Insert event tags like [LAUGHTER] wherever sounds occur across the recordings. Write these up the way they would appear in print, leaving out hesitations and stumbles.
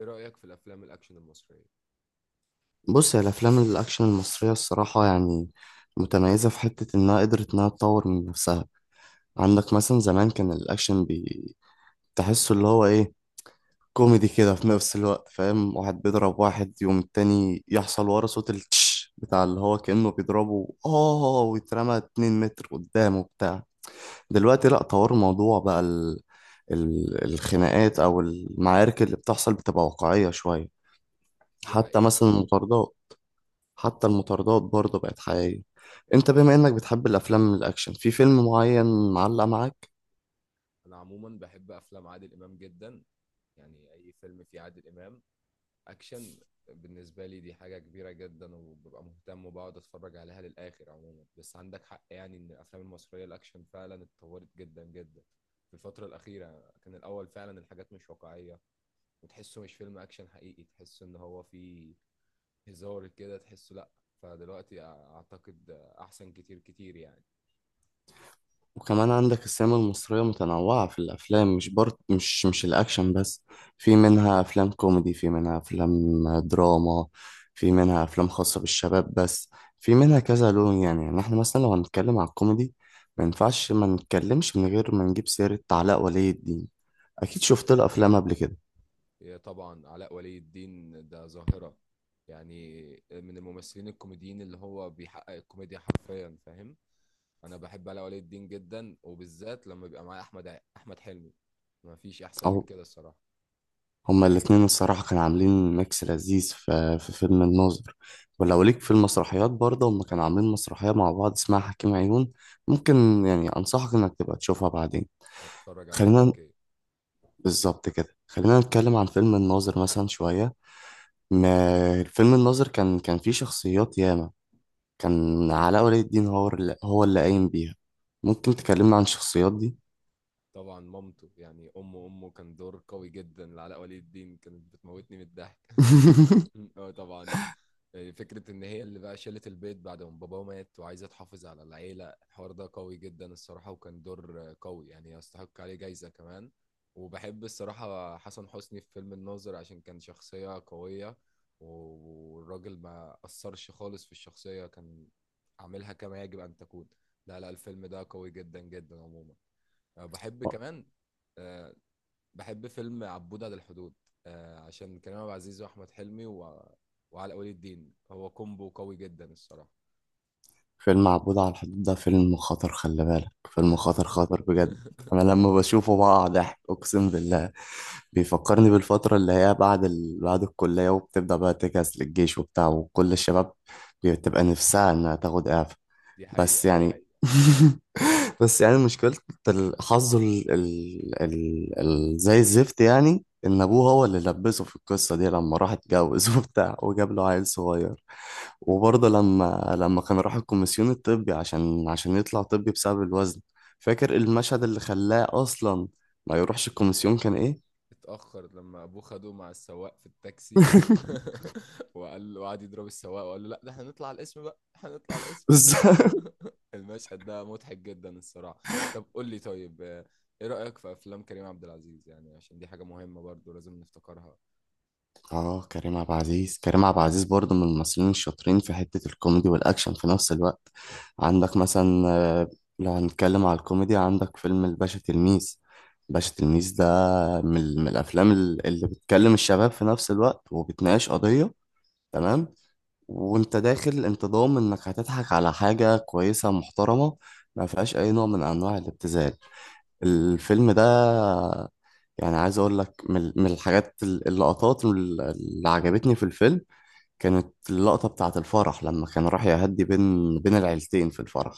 ايه رأيك في الافلام الاكشن المصرية؟ بص هي الافلام الاكشن المصريه الصراحه يعني متميزه في حته انها قدرت انها تطور من نفسها. عندك مثلا زمان كان تحسه اللي هو ايه، كوميدي كده في نفس الوقت، فاهم؟ واحد بيضرب واحد يوم التاني يحصل ورا صوت التش بتاع اللي هو كأنه بيضربه، اه، ويترمى 2 متر قدامه بتاع. دلوقتي لا، طور الموضوع بقى، الخناقات او المعارك اللي بتحصل بتبقى واقعيه شويه، دي حتى حقيقة. مثلا المطاردات. حتى المطاردات برضه بقت حقيقية. انت بما انك بتحب الافلام الاكشن، في فيلم معين معلق معاك؟ انا عموما بحب افلام عادل امام جدا، يعني اي فيلم فيه عادل امام اكشن بالنسبة لي دي حاجة كبيرة جدا وببقى مهتم وبقعد اتفرج عليها للآخر. عموما بس عندك حق، يعني ان الافلام المصرية الاكشن فعلا اتطورت جدا جدا في الفترة الأخيرة. كان الأول فعلا الحاجات مش واقعية وتحسه مش فيلم أكشن حقيقي، تحسه إن هو فيه هزار كده، تحسه لأ. فدلوقتي أعتقد أحسن كتير كتير يعني. وكمان عندك السينما المصرية متنوعة في الافلام، مش برضه مش الاكشن بس، في منها افلام كوميدي، في منها افلام دراما، في منها افلام خاصة بالشباب بس، في منها كذا لون، يعني احنا مثلا لو هنتكلم على الكوميدي ما ينفعش ما نتكلمش من غير ما نجيب سيرة علاء ولي الدين. اكيد شفت له افلام قبل كده. إيه طبعا، علاء ولي الدين ده ظاهرة يعني. من الممثلين الكوميديين اللي هو بيحقق الكوميديا حرفيا، فاهم. انا بحب علاء ولي الدين جدا، وبالذات لما بيبقى معايا احمد حلمي. ما فيش احسن او من كده الصراحة. هما الاتنين الصراحة كانوا عاملين ميكس لذيذ في فيلم الناظر. ولو ليك في المسرحيات برضه، هما كانوا عاملين مسرحية مع بعض اسمها حكيم عيون، ممكن يعني أنصحك إنك تبقى تشوفها بعدين. هتفرج عليها خلينا اوكي بالظبط كده، خلينا نتكلم عن فيلم الناظر مثلا شوية. ما فيلم الناظر كان فيه شخصيات ياما، كان علاء ولي الدين هو اللي قايم بيها. ممكن تكلمنا عن الشخصيات دي؟ طبعا مامته، يعني امه، كان دور قوي جدا لعلاء ولي الدين، كانت بتموتني من الضحك [LAUGHS] [LAUGHS] اه طبعا. فكرة إن هي اللي بقى شالت البيت بعد ما باباه مات وعايزة تحافظ على العيلة، الحوار ده قوي جدا الصراحة، وكان دور قوي يعني يستحق عليه جايزة كمان. وبحب الصراحة حسن حسني في فيلم الناظر، عشان كان شخصية قوية والراجل ما أثرش خالص في الشخصية، كان عاملها كما يجب أن تكون. لا لا، الفيلم ده قوي جدا جدا عموما. أه بحب كمان، آه، بحب فيلم عبود على الحدود، عشان كريم عبد العزيز واحمد حلمي وعلاء ولي الدين، هو كومبو قوي جدا الصراحه. فيلم عبود على الحدود ده فيلم خطر، خلي بالك، فيلم خطر بجد. انا [LAUGHS] لما بشوفه بقع ضحك، اقسم بالله. بيفكرني بالفترة اللي هي بعد الكلية وبتبدأ بقى تجهز للجيش وبتاع، وكل الشباب بتبقى نفسها انها تاخد اعفاء. دي بس حقيقه. يعني، [LAUGHS] بس يعني مشكلة، الحظ زي الزفت، يعني إن أبوه هو اللي لبسه في القصة دي لما راح اتجوز [LAUGHS] وبتاع، وجاب له عيل صغير. وبرضه لما كان راح الكوميسيون الطبي عشان يطلع طبي بسبب الوزن. فاكر المشهد اللي خلاه أصلا ما يروحش الكوميسيون كان إيه؟ اتاخر لما ابوه خده مع السواق في التاكسي [LAUGHS] وقال، وقعد يضرب السواق وقال له لا، ده احنا نطلع على الاسم بقى، احنا نطلع على [LAUGHS] الاسم بس. [LAUGHS] المشهد ده مضحك جدا الصراحه. طب قول لي طيب، ايه رايك في افلام كريم عبد العزيز، يعني عشان دي حاجه مهمه برضو لازم نفتكرها. اه، كريم عبد العزيز، كريم عبد العزيز برضه من الممثلين الشاطرين في حتة الكوميدي والأكشن في نفس الوقت. عندك مثلا، لو هنتكلم على الكوميدي، عندك فيلم الباشا تلميذ. باشا تلميذ ده من الأفلام اللي بتكلم الشباب في نفس الوقت، وبتناقش قضية، تمام. وانت داخل انت ضامن انك هتضحك على حاجة كويسة محترمة، ما فيهاش أي نوع من أنواع الابتذال الفيلم ده. يعني عايز اقول لك من اللقطات اللي عجبتني في الفيلم، كانت اللقطة بتاعة الفرح لما كان راح يهدي بين العيلتين في الفرح.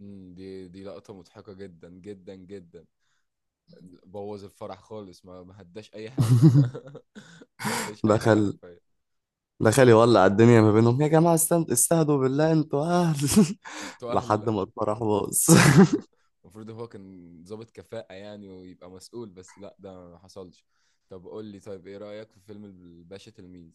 امم، دي لقطه مضحكه جدا جدا جدا. بوظ الفرح خالص، ما هداش اي حاجه [LAUGHS] [LAUGHS] ما هداش اي حاجه دخل حرفيا. دخل يولع الدنيا ما بينهم، يا جماعة استند، استهدوا بالله، انتوا اهل. [LAUGHS] انتوا اهل، لحد لا. ما الفرح باظ. [LAUGHS] [LAUGHS] المفروض هو كان ضابط كفاءة يعني ويبقى مسؤول، بس لا ده ما حصلش. طب قول لي طيب، ايه رأيك في فيلم الباشا تلميذ؟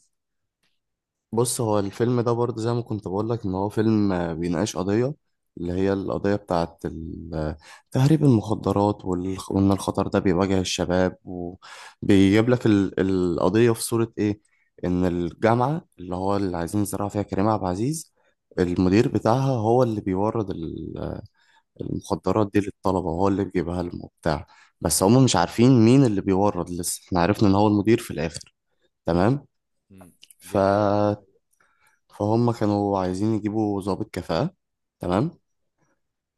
بص هو الفيلم ده برضه زي ما كنت بقول لك، ان هو فيلم، بيناقش قضية، اللي هي القضية بتاعت تهريب المخدرات، وان الخطر ده بيواجه الشباب، وبيجيب لك القضية في صورة ايه. ان الجامعة اللي هو اللي عايزين يزرعوا فيها كريم عبد العزيز، امم. المدير بتاعها هو اللي المخدرات دي للطلبة، وهو اللي بيجيبها لهم وبتاع. بس هم مش عارفين مين اللي بيورد، لسه احنا عرفنا ان هو المدير في الاخر، تمام. امم. ف دي حقيقة. فهم كانوا عايزين يجيبوا ضابط كفاءة، تمام.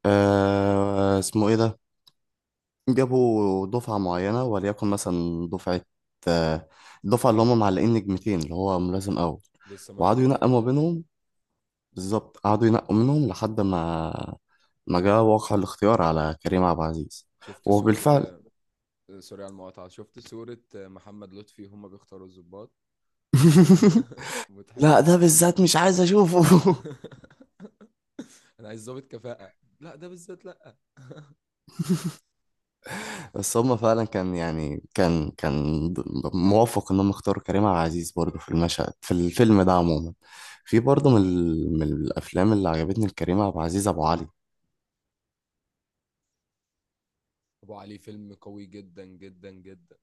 آه، اسمه ايه ده، جابوا دفعة معينة، وليكن مثلا دفعة، آه، الدفعة اللي هم معلقين نجمتين اللي هو ملازم أول، لسه وقعدوا ملازم ينقوا يعني. ما بينهم. بالظبط، قعدوا ينقوا منهم لحد ما ما جاء واقع الاختيار على كريم عبد العزيز. شفت صورة وبالفعل، سوري على المقاطعة، شفت صورة محمد لطفي هما بيختاروا الضباط [LAUGHS] [LAUGHS] لا مضحكة. ده بالذات مش عايز اشوفه. [LAUGHS] انا عايز ضابط كفاءة، لا ده بالذات لا. بس هما فعلا كان يعني د- موافق ان هم اختاروا كريم عبد العزيز برضه في المشهد، في الفيلم ده عموما. في برضه من الافلام اللي عجبتني لكريم عبد العزيز ابو علي. ابو علي فيلم قوي جدا جدا جدا،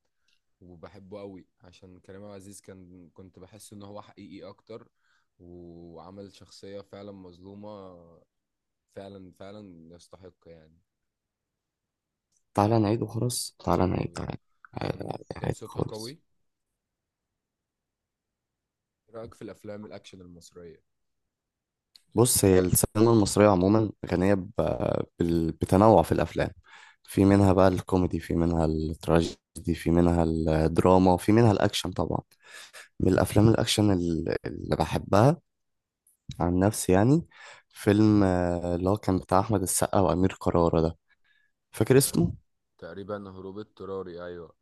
وبحبه قوي عشان كريم عبد العزيز، كان كنت بحس ان هو حقيقي اكتر، وعمل شخصية فعلا مظلومة. فعلا فعلا يستحق يعني. تعالى نعيد وخلاص تعالى يلا نعيد بينا. تعالى. عادي كان عادي كان عادي صوتها خالص. قوي. إيه رأيك في الافلام الاكشن المصرية؟ بص هي السينما المصرية عموما غنية بتنوع في الأفلام، في منها بقى الكوميدي، في منها التراجيدي، في منها الدراما، في منها الأكشن طبعا. من الأفلام الأكشن اللي بحبها عن نفسي يعني، فيلم، اللي هو كان بتاع أحمد السقا وأمير كرارة ده، فاكر آه. اسمه؟ تقريبا هروب اضطراري، ايوه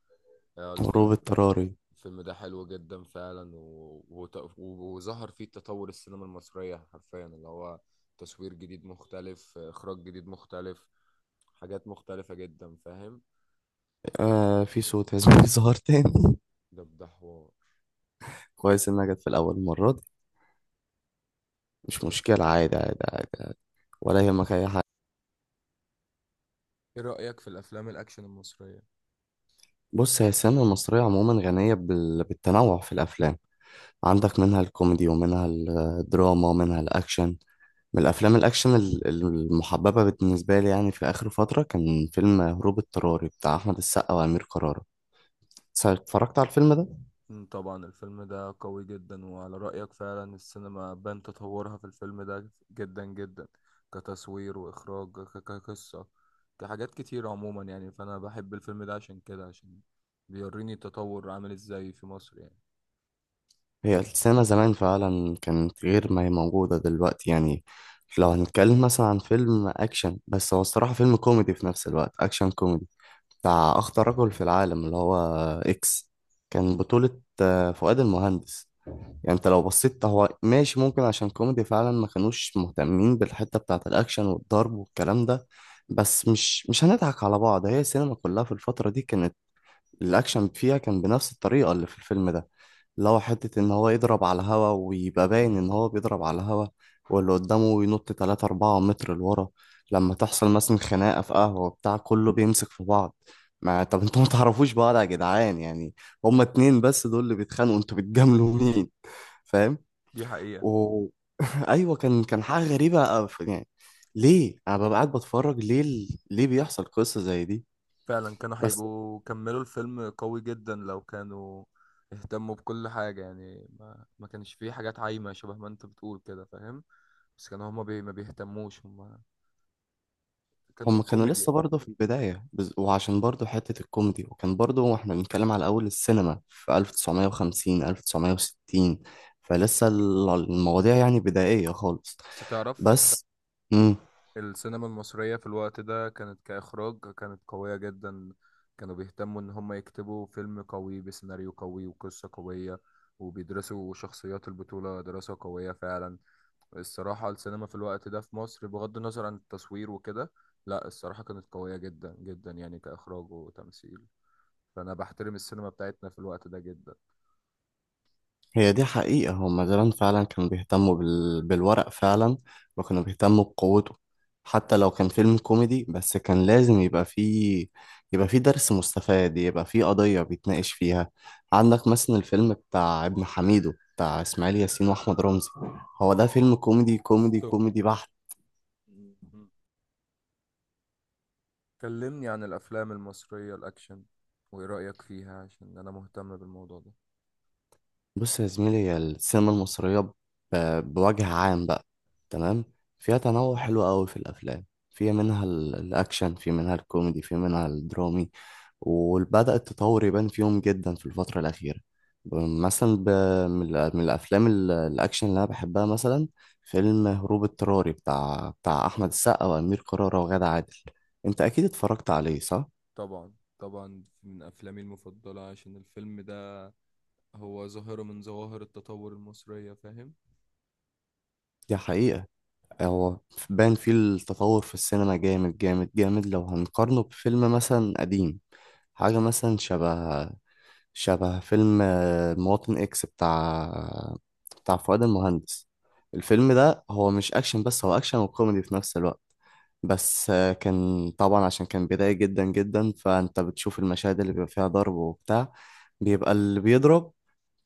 اه غروب الفيلم. اضطراري. الفيلم ده حلو جدا فعلا وظهر فيه تطور السينما المصرية حرفيا، اللي هو تصوير جديد مختلف، إخراج جديد مختلف، حاجات مختلفة جدا فاهم. آه، في صوت عزيز، [LAUGHS] ظهر تاني. ده ده حوار. كويس إنها جت في الأول مرة دي، مش طب مشكلة، عادي. ولا يهمك أي حاجة. إيه رأيك في الأفلام الأكشن المصرية؟ بص هي السينما المصرية عموما غنية بالتنوع في الأفلام، عندك منها الكوميدي، ومنها الدراما، ومنها الأكشن. من الأفلام الأكشن المحببة بالنسبة لي يعني، في آخر فترة كان فيلم هروب اضطراري بتاع أحمد السقا وأمير كرارة. اتفرجت على الفيلم ده؟ مم، طبعا الفيلم ده قوي جدا، وعلى رأيك فعلا السينما بان تطورها في الفيلم ده جدا جدا. كتصوير وإخراج كقصة، كحاجات كتير عموما يعني، فأنا بحب الفيلم ده عشان كده، عشان بيوريني التطور عامل ازاي في مصر يعني. هي السينما زمان فعلا كانت غير ما هي موجودة دلوقتي يعني. لو هنتكلم مثلا عن فيلم أكشن، بس هو الصراحة فيلم كوميدي في نفس الوقت، أكشن كوميدي، بتاع أخطر رجل في العالم اللي هو إكس، كان بطولة، فؤاد المهندس. يعني أنت لو بصيت هو ماشي، ممكن عشان كوميدي فعلا ما كانوش مهتمين بالحتة بتاعة الأكشن والضرب والكلام ده. بس مش هنضحك على بعض، هي السينما كلها في الفترة دي كانت الاكشن فيها كان بنفس الطريقه اللي في الفيلم ده، اللي هو حته ان هو يضرب على الهوا، ويبقى باين ان هو بيضرب على الهوا، واللي قدامه ينط 3 4 متر لورا. لما تحصل مثلا خناقه في قهوه بتاع، كله بيمسك في بعض، ما طب انتوا ما تعرفوش بعض يا جدعان يعني، هما اتنين بس دول اللي بيتخانقوا، انتوا بتجاملوا مين؟ فاهم. دي حقيقة. و... [LAUGHS] ايوه، كان حاجه غريبه أوي يعني. ليه انا ببقى قاعد بتفرج، ليه بيحصل قصه زي دي. فعلا كانوا بس هيبقوا كملوا الفيلم قوي جدا لو كانوا اهتموا بكل حاجة، يعني ما كانش فيه حاجات عايمة، شبه ما انت بتقول كده فاهم. بس كانوا هما بي ما بيهتموش، هما كانوا هم كانوا كوميديا. لسه برضه في البداية، وعشان برضه حتة الكوميدي، وكان برضه واحنا بنتكلم على أول السينما في 1950 1960، المواضيع يعني بدائية خالص. بس تعرف، بس، مم. السينما المصرية في الوقت ده كانت كإخراج كانت قوية جدا. كانوا بيهتموا إن هم يكتبوا فيلم قوي بسيناريو قوي وقصة قوية، وبيدرسوا شخصيات البطولة دراسة قوية فعلا. الصراحة السينما في الوقت ده في مصر، بغض النظر عن التصوير وكده، لا الصراحة كانت قوية جدا جدا يعني كإخراج وتمثيل. فأنا بحترم السينما بتاعتنا في الوقت ده جدا. هي دي حقيقة، هما زمان فعلا كانوا بيهتموا بالورق فعلا، وكانوا بيهتموا بقوته. حتى لو كان فيلم كوميدي، بس كان لازم يبقى فيه درس مستفاد، يبقى فيه قضية بيتناقش فيها. عندك مثلا الفيلم بتاع ابن حميدو بتاع إسماعيل ياسين وأحمد رمزي، هو ده فيلم كوميدي كوميدي ستوب. كوميدي بحت. مم. كلمني عن الأفلام المصرية الأكشن وإيه رأيك فيها، عشان أنا مهتم بالموضوع ده. بص يا زميلي، هي السينما المصرية بوجه عام بقى، تمام، فيها تنوع حلو قوي في الأفلام، في منها الأكشن، في منها الكوميدي، في منها الدرامي، وبدأ التطور يبان فيهم جدا في الفترة الأخيرة. ب- مثلا ب... من ال- من الأفلام الأكشن اللي أنا بحبها مثلا، فيلم هروب اضطراري بتاع أحمد السقا وأمير كرارة وغادة عادل، أنت أكيد اتفرجت عليه صح؟ طبعا. طبعا من أفلامي المفضلة، عشان الفيلم ده هو ظاهرة من ظواهر التطور المصرية فاهم. دي حقيقة، هو بان فيه التطور في السينما جامد، لو هنقارنه بفيلم مثلا قديم، حاجة مثلا شبه فيلم، مواطن إكس بتاع فؤاد المهندس. الفيلم ده هو مش أكشن بس، هو أكشن وكوميدي في نفس الوقت. بس، كان طبعا عشان كان بداية جدا، فأنت بتشوف المشاهد اللي بيبقى فيها ضرب وبتاع، بيبقى اللي بيضرب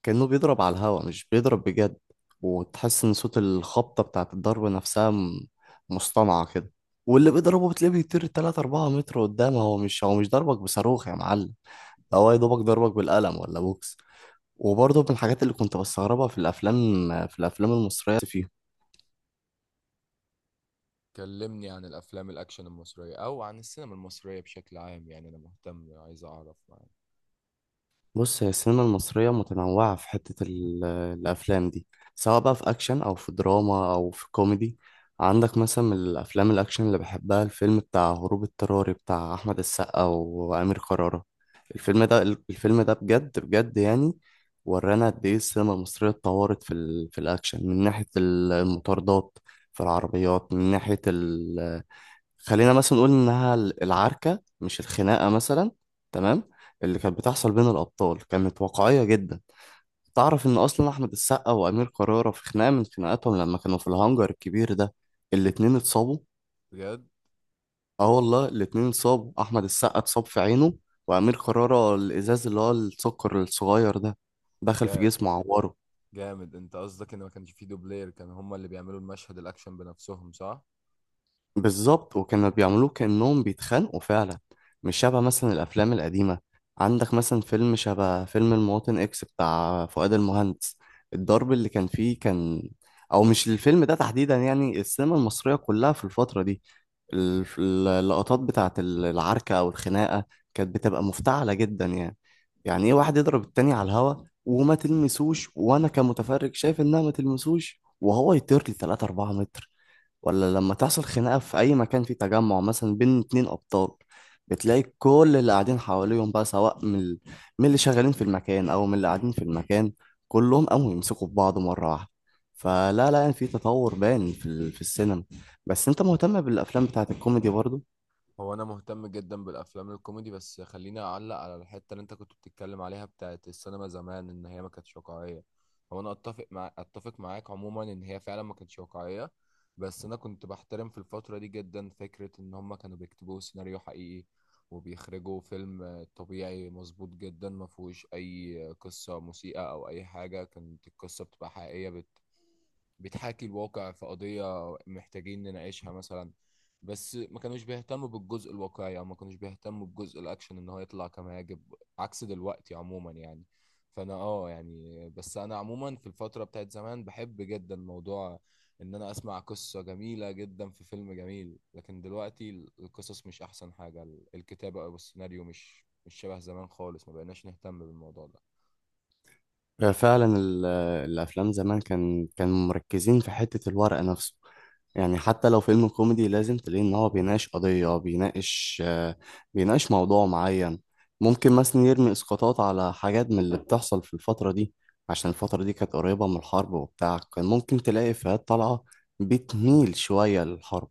كأنه بيضرب على الهوا، مش بيضرب بجد، وتحس إن صوت الخبطة بتاعة الضرب نفسها مصطنعة كده، واللي مم. بيضربه بتلاقيه بيطير 3 4 متر قدام، هو مش، هو مش ضربك بصاروخ يا معلم، ده هو يا دوبك ضربك بالقلم ولا بوكس. وبرضه من الحاجات اللي كنت بستغربها في الأفلام، في الأفلام المصرية. كلمني عن الأفلام الأكشن المصرية أو عن السينما المصرية بشكل عام، يعني أنا مهتم عايز أعرف يعني. بص هي السينما المصرية متنوعة في حتة الأفلام دي، سواء بقى في أكشن أو في دراما أو في كوميدي. عندك مثلا من الأفلام الأكشن اللي بحبها الفيلم بتاع هروب اضطراري بتاع أحمد السقا وأمير كرارة. الفيلم ده بجد بجد يعني، ورانا قد إيه السينما المصرية اتطورت في الأكشن، من ناحية المطاردات، في العربيات، من ناحية، خلينا مثلا نقول انها العركه، مش الخناقه مثلا، تمام، اللي كانت بتحصل بين الابطال كانت واقعيه جدا. تعرف ان اصلا احمد السقا وامير كرارة في خناقه من خناقاتهم لما كانوا في الهانجر الكبير ده، الاتنين اتصابوا. بجد. اه والله، الاتنين اتصابوا، احمد السقا اتصاب في عينه، وامير كرارة الازاز اللي هو السكر الصغير ده دخل في جا- جسمه، عوره. جامد. أنت قصدك إن ما كانش فيه دوبلير، كان هما اللي بيعملوا المشهد الأكشن بنفسهم صح؟ بالظبط، وكانوا بيعملوه كأنهم بيتخانقوا فعلا، مش شبه مثلا الأفلام القديمة. عندك مثلا فيلم شبه فيلم المواطن إكس بتاع فؤاد المهندس، الضرب اللي كان فيه كان، أو مش الفيلم ده تحديدا يعني، السينما المصرية كلها في الفترة دي اللقطات بتاعة العركة أو الخناقة كانت بتبقى مفتعلة جدا يعني. يعني إيه واحد يضرب التاني على الهوا وما تلمسوش، وأنا كمتفرج شايف إنها ما تلمسوش وهو يطير لي 3 4 متر. ولا لما تحصل خناقة في أي مكان فيه تجمع مثلا بين اتنين أبطال، بتلاقي كل اللي قاعدين حواليهم بقى، سواء من اللي شغالين في المكان أو من اللي قاعدين في المكان، كلهم قاموا يمسكوا في بعض مرة واحدة. فلا لا يعني، في تطور باين في السينما. بس أنت مهتم بالأفلام بتاعت الكوميدي برضو. هو انا مهتم جدا بالافلام الكوميدي، بس خليني اعلق على الحته اللي انت كنت بتتكلم عليها بتاعت السينما زمان ان هي ما كانتش واقعيه. هو انا اتفق معاك عموما ان هي فعلا ما كانتش واقعيه، بس انا كنت بحترم في الفتره دي جدا فكره ان هم كانوا بيكتبوا سيناريو حقيقي، وبيخرجوا فيلم طبيعي مظبوط جدا ما فيهوش اي قصه مسيئه او اي حاجه. كانت القصه بتبقى حقيقيه بتحاكي الواقع في قضية محتاجين نناقشها مثلا، بس ما كانوش بيهتموا بالجزء الواقعي، او ما كانوش بيهتموا بجزء الاكشن ان هو يطلع كما يجب، عكس دلوقتي عموما يعني. فانا اه يعني، بس انا عموما في الفترة بتاعت زمان بحب جدا موضوع ان انا اسمع قصة جميلة جدا في فيلم جميل، لكن دلوقتي القصص مش احسن حاجة، الكتابة او السيناريو مش مش شبه زمان خالص، ما بقيناش نهتم بالموضوع ده. فعلا الأفلام زمان كان مركزين في حتة الورق نفسه. يعني حتى لو فيلم كوميدي لازم تلاقي ان هو بيناقش قضية، بيناقش، بيناقش موضوع معين، ممكن مثلا يرمي اسقاطات على حاجات من اللي بتحصل في الفترة دي، عشان الفترة دي كانت قريبة من الحرب وبتاع، كان ممكن تلاقي إفيهات طالعة بتميل شوية للحرب،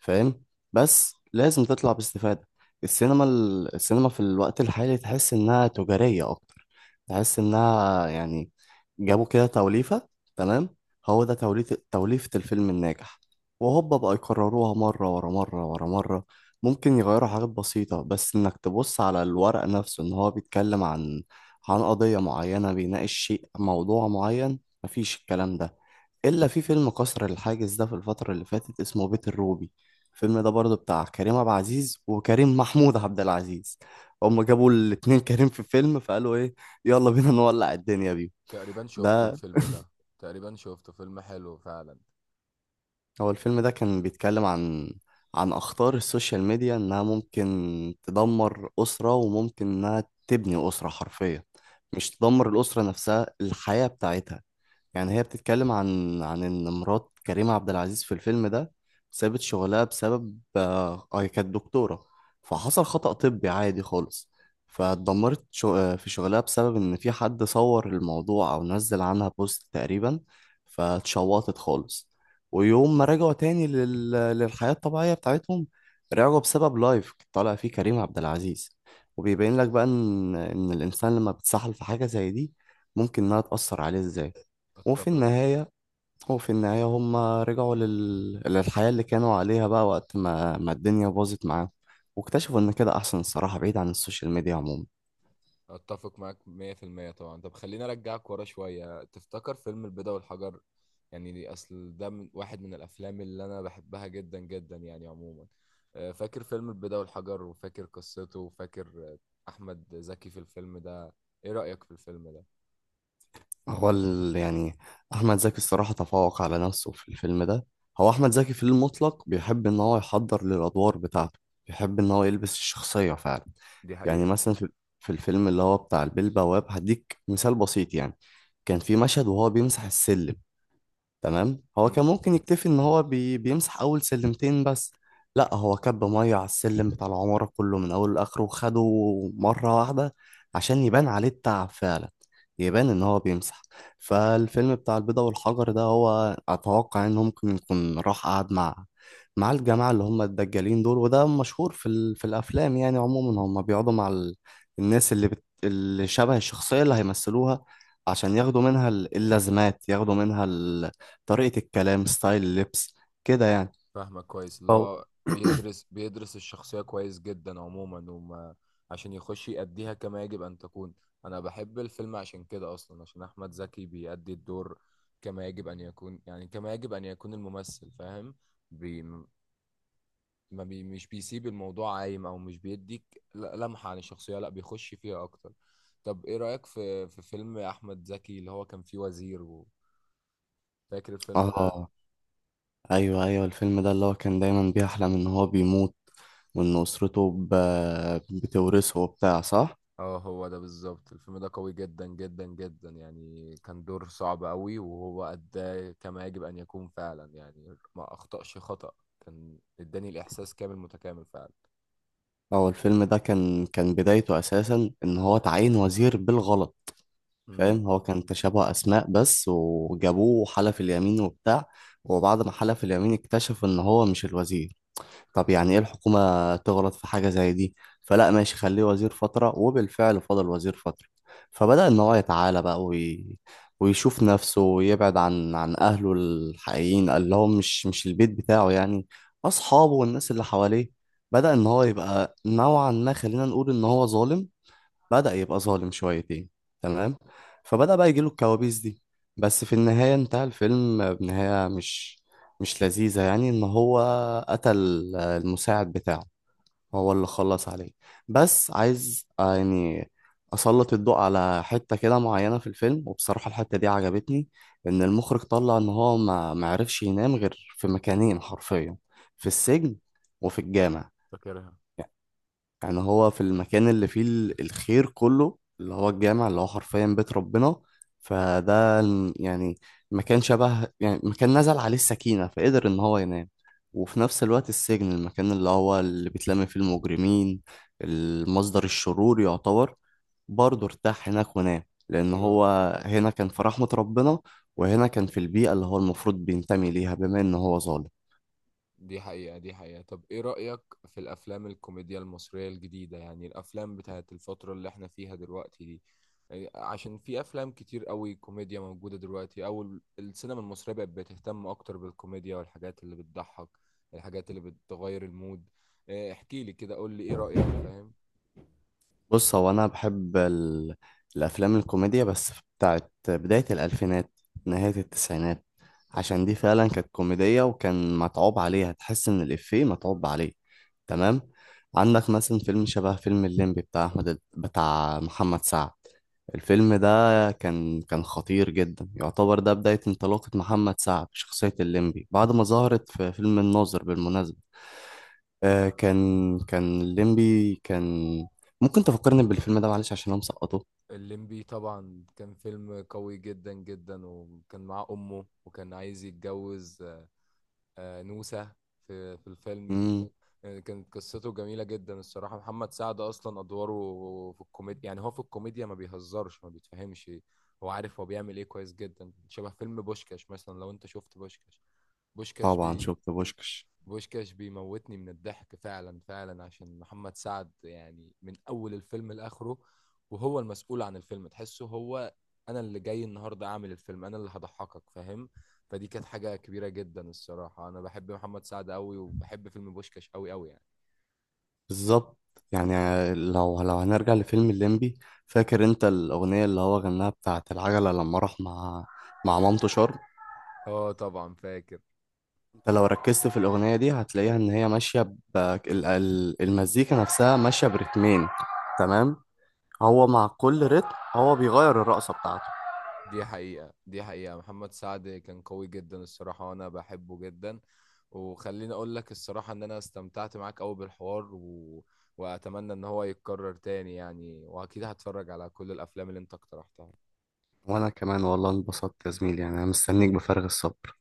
فاهم؟ بس لازم تطلع باستفادة. السينما السينما في الوقت الحالي تحس انها تجارية اكتر. تحس انها يعني جابوا كده توليفة. تمام، هو ده توليفة، الفيلم الناجح، وهوبا بقى يكرروها مرة ورا مرة ورا مرة. ممكن يغيروا حاجات بسيطة، بس إنك تبص على الورق نفسه إن هو بيتكلم عن قضية معينة، بيناقش شيء، موضوع معين. مفيش الكلام ده إلا في فيلم كسر الحاجز ده في الفترة اللي فاتت، اسمه بيت الروبي. الفيلم ده برضه بتاع كريم عبد العزيز وكريم محمود عبد العزيز. هما جابوا الاتنين كريم في فيلم، فقالوا إيه، يلا بينا نولع الدنيا بيه. تقريبا شفته ده الفيلم ده. تقريبا شفته، فيلم حلو فعلا. هو الفيلم ده كان بيتكلم عن أخطار السوشيال ميديا، إنها ممكن تدمر أسرة وممكن إنها تبني أسرة حرفيا. مش تدمر الأسرة نفسها، الحياة بتاعتها. يعني هي بتتكلم عن ان مرات كريم عبد العزيز في الفيلم ده سابت شغلها بسبب آه هي كانت دكتورة، فحصل خطأ طبي عادي خالص. فاتدمرت شو في شغلها بسبب ان في حد صور الموضوع او نزل عنها بوست تقريبا، فاتشوطت خالص. ويوم ما رجعوا تاني للحياة الطبيعية بتاعتهم، رجعوا بسبب لايف طالع فيه كريم عبد العزيز. وبيبين لك بقى ان الانسان لما بتسحل في حاجة زي دي ممكن انها تأثر عليه ازاي. وفي اتفق. النهاية وفي النهاية هم رجعوا للحياة اللي كانوا عليها بقى وقت ما الدنيا باظت معاهم، واكتشفوا إن كده أحسن الصراحة، بعيد عن السوشيال ميديا عموما. اتفق معاك 100% طبعا. طب خليني ارجعك ورا شويه، تفتكر فيلم البيضة والحجر؟ يعني دي اصل ده من واحد من الافلام اللي انا بحبها جدا جدا يعني عموما. فاكر فيلم البيضة والحجر، وفاكر قصته، وفاكر احمد زكي في الفيلم ده. ايه رايك في الفيلم ده؟ يعني أحمد زكي الصراحة تفوق على نفسه في الفيلم ده. هو أحمد زكي في المطلق بيحب إن هو يحضر للأدوار بتاعته، بيحب إن هو يلبس الشخصية فعلا. دي يعني حقيقة. مثلا في الفيلم اللي هو بتاع البيه البواب، هديك مثال بسيط. يعني كان في مشهد وهو بيمسح السلم، تمام؟ هو كان ممكن يكتفي ان هو بيمسح اول سلمتين بس. لا، هو كب ميه على السلم بتاع العمارة كله من اوله لاخره وخده مرة واحدة عشان يبان عليه التعب فعلا، يبان ان هو بيمسح. فالفيلم بتاع البيضة والحجر ده، هو اتوقع ان هو ممكن يكون راح قعد مع الجماعة اللي هم الدجالين دول، وده مشهور في الافلام يعني عموما، هم بيقعدوا مع الناس اللي اللي شبه الشخصية اللي هيمثلوها، عشان ياخدوا منها ال- اللازمات، ياخدوا منها ال... طريقة الكلام، ستايل اللبس، كده يعني. فاهمك كويس، اللي أو هو بيدرس الشخصية كويس جدا عموما، وما عشان يخش يأديها كما يجب أن تكون. أنا بحب الفيلم عشان كده أصلا، عشان أحمد زكي بيأدي الدور كما يجب أن يكون، يعني كما يجب أن يكون الممثل، فاهم. بي ما بي مش بيسيب الموضوع عايم أو مش بيديك لمحة عن الشخصية، لا بيخش فيها أكتر. طب إيه رأيك في فيلم أحمد زكي اللي هو كان فيه وزير، وفاكر الفيلم ده؟ اه، ايوه ايوه، الفيلم ده اللي هو كان دايما بيحلم ان هو بيموت، وان اسرته بتورثه وبتاع، صح. اه هو ده بالظبط. الفيلم ده قوي جدا جدا جدا يعني، كان دور صعب قوي، وهو أداه كما يجب أن يكون فعلا يعني، ما أخطأش خطأ، كان اداني الإحساس كامل متكامل فعلا. هو الفيلم ده كان بدايته اساسا ان هو تعين وزير بالغلط. امم. فاهم؟ هو كان تشابه اسماء بس، وجابوه وحلف اليمين وبتاع، وبعد ما حلف اليمين اكتشف ان هو مش الوزير. طب يعني ايه الحكومة تغلط في حاجة زي دي؟ فلا، ماشي، خليه وزير فترة، وبالفعل فضل وزير فترة. فبدأ ان هو يتعالى بقى ويشوف نفسه، ويبعد عن اهله الحقيقيين اللي هو مش البيت بتاعه يعني، اصحابه والناس اللي حواليه. بدأ ان هو يبقى نوعا ما، خلينا نقول ان هو ظالم، بدأ يبقى ظالم شويتين. تمام. فبدأ بقى يجيله الكوابيس دي. بس في النهاية انتهى الفيلم بنهاية مش لذيذة يعني ان هو قتل المساعد بتاعه، هو اللي خلص عليه. بس عايز يعني أسلط الضوء على حتة كده معينة في الفيلم، وبصراحة الحتة دي عجبتني، إن المخرج طلع إن هو ما معرفش ينام غير في مكانين حرفيا، في السجن وفي الجامع. فاكرها. يعني هو في المكان اللي فيه ال- الخير كله، اللي هو الجامع اللي هو حرفيا بيت ربنا، فده ال- يعني مكان شبه، يعني مكان نزل عليه السكينة فقدر إن هو ينام. وفي نفس الوقت السجن، المكان اللي هو اللي بيتلم فيه المجرمين، المصدر الشرور يعتبر، برضه ارتاح هناك ونام. لأن ايوه. هو هنا كان في رحمة ربنا، وهنا كان في البيئة اللي هو المفروض بينتمي ليها بما إن هو ظالم. دي حقيقة. دي حقيقة. طب ايه رأيك في الافلام الكوميديا المصرية الجديدة، يعني الافلام بتاعت الفترة اللي احنا فيها دلوقتي دي، يعني عشان في افلام كتير قوي كوميديا موجودة دلوقتي، او السينما المصرية بقت بتهتم اكتر بالكوميديا والحاجات اللي بتضحك، الحاجات اللي بتغير المود. إيه، احكي لي كده، قول لي ايه رأيك فاهم. بص، هو انا بحب ال... الافلام الكوميديا بس بتاعت بداية الالفينات، نهاية التسعينات، عشان دي فعلا كانت كوميدية وكان متعوب عليها، تحس ان الافيه متعوب عليه. تمام. عندك مثلا فيلم شبه فيلم الليمبي بتاع احمد، بتاع محمد سعد. الفيلم ده كان خطير جدا، يعتبر ده بداية انطلاقة محمد سعد بشخصية الليمبي بعد ما ظهرت في فيلم الناظر بالمناسبة. آه، كان الليمبي كان ممكن تفكرني بالفيلم ده معلش عشان انا مسقطه. الليمبي طبعا كان فيلم قوي جدا جدا، وكان معاه امه، وكان عايز يتجوز نوسة في الفيلم. امم، يعني كانت قصته جميلة جدا الصراحة. محمد سعد أصلا أدواره في الكوميديا، يعني هو في الكوميديا ما بيهزرش ما بيتفهمش، هو عارف هو بيعمل إيه كويس جدا. شبه فيلم بوشكاش مثلا، لو أنت شفت بوشكاش. بوشكاش طبعا بي شفت بوشكش. بوشكاش بيموتني من الضحك فعلا فعلا، عشان محمد سعد يعني من أول الفيلم لآخره، وهو المسؤول عن الفيلم، تحسه هو أنا اللي جاي النهاردة أعمل الفيلم، أنا اللي هضحكك فاهم. فدي كانت حاجة كبيرة جدا الصراحة. أنا بحب محمد سعد أوي، وبحب فيلم بوشكاش أوي أوي يعني. بالظبط. يعني لو هنرجع لفيلم الليمبي، فاكر انت الاغنيه اللي هو غناها بتاعت العجله لما راح مع مامته شرم؟ اه طبعا فاكر. انت لو ركزت في الاغنيه دي هتلاقيها ان هي ماشيه ال- ال- المزيكا نفسها ماشيه برتمين. تمام. هو مع كل رتم هو بيغير الرقصه بتاعته. دي حقيقة. دي حقيقة. محمد سعد كان قوي جدا الصراحة، وانا بحبه جدا. وخليني اقول لك الصراحة ان انا استمتعت معاك قوي بالحوار واتمنى ان هو يتكرر تاني يعني، واكيد هتفرج على كل الافلام اللي انت اقترحتها. وانا كمان والله انبسطت يا زميلي، يعني انا مستنيك بفارغ الصبر.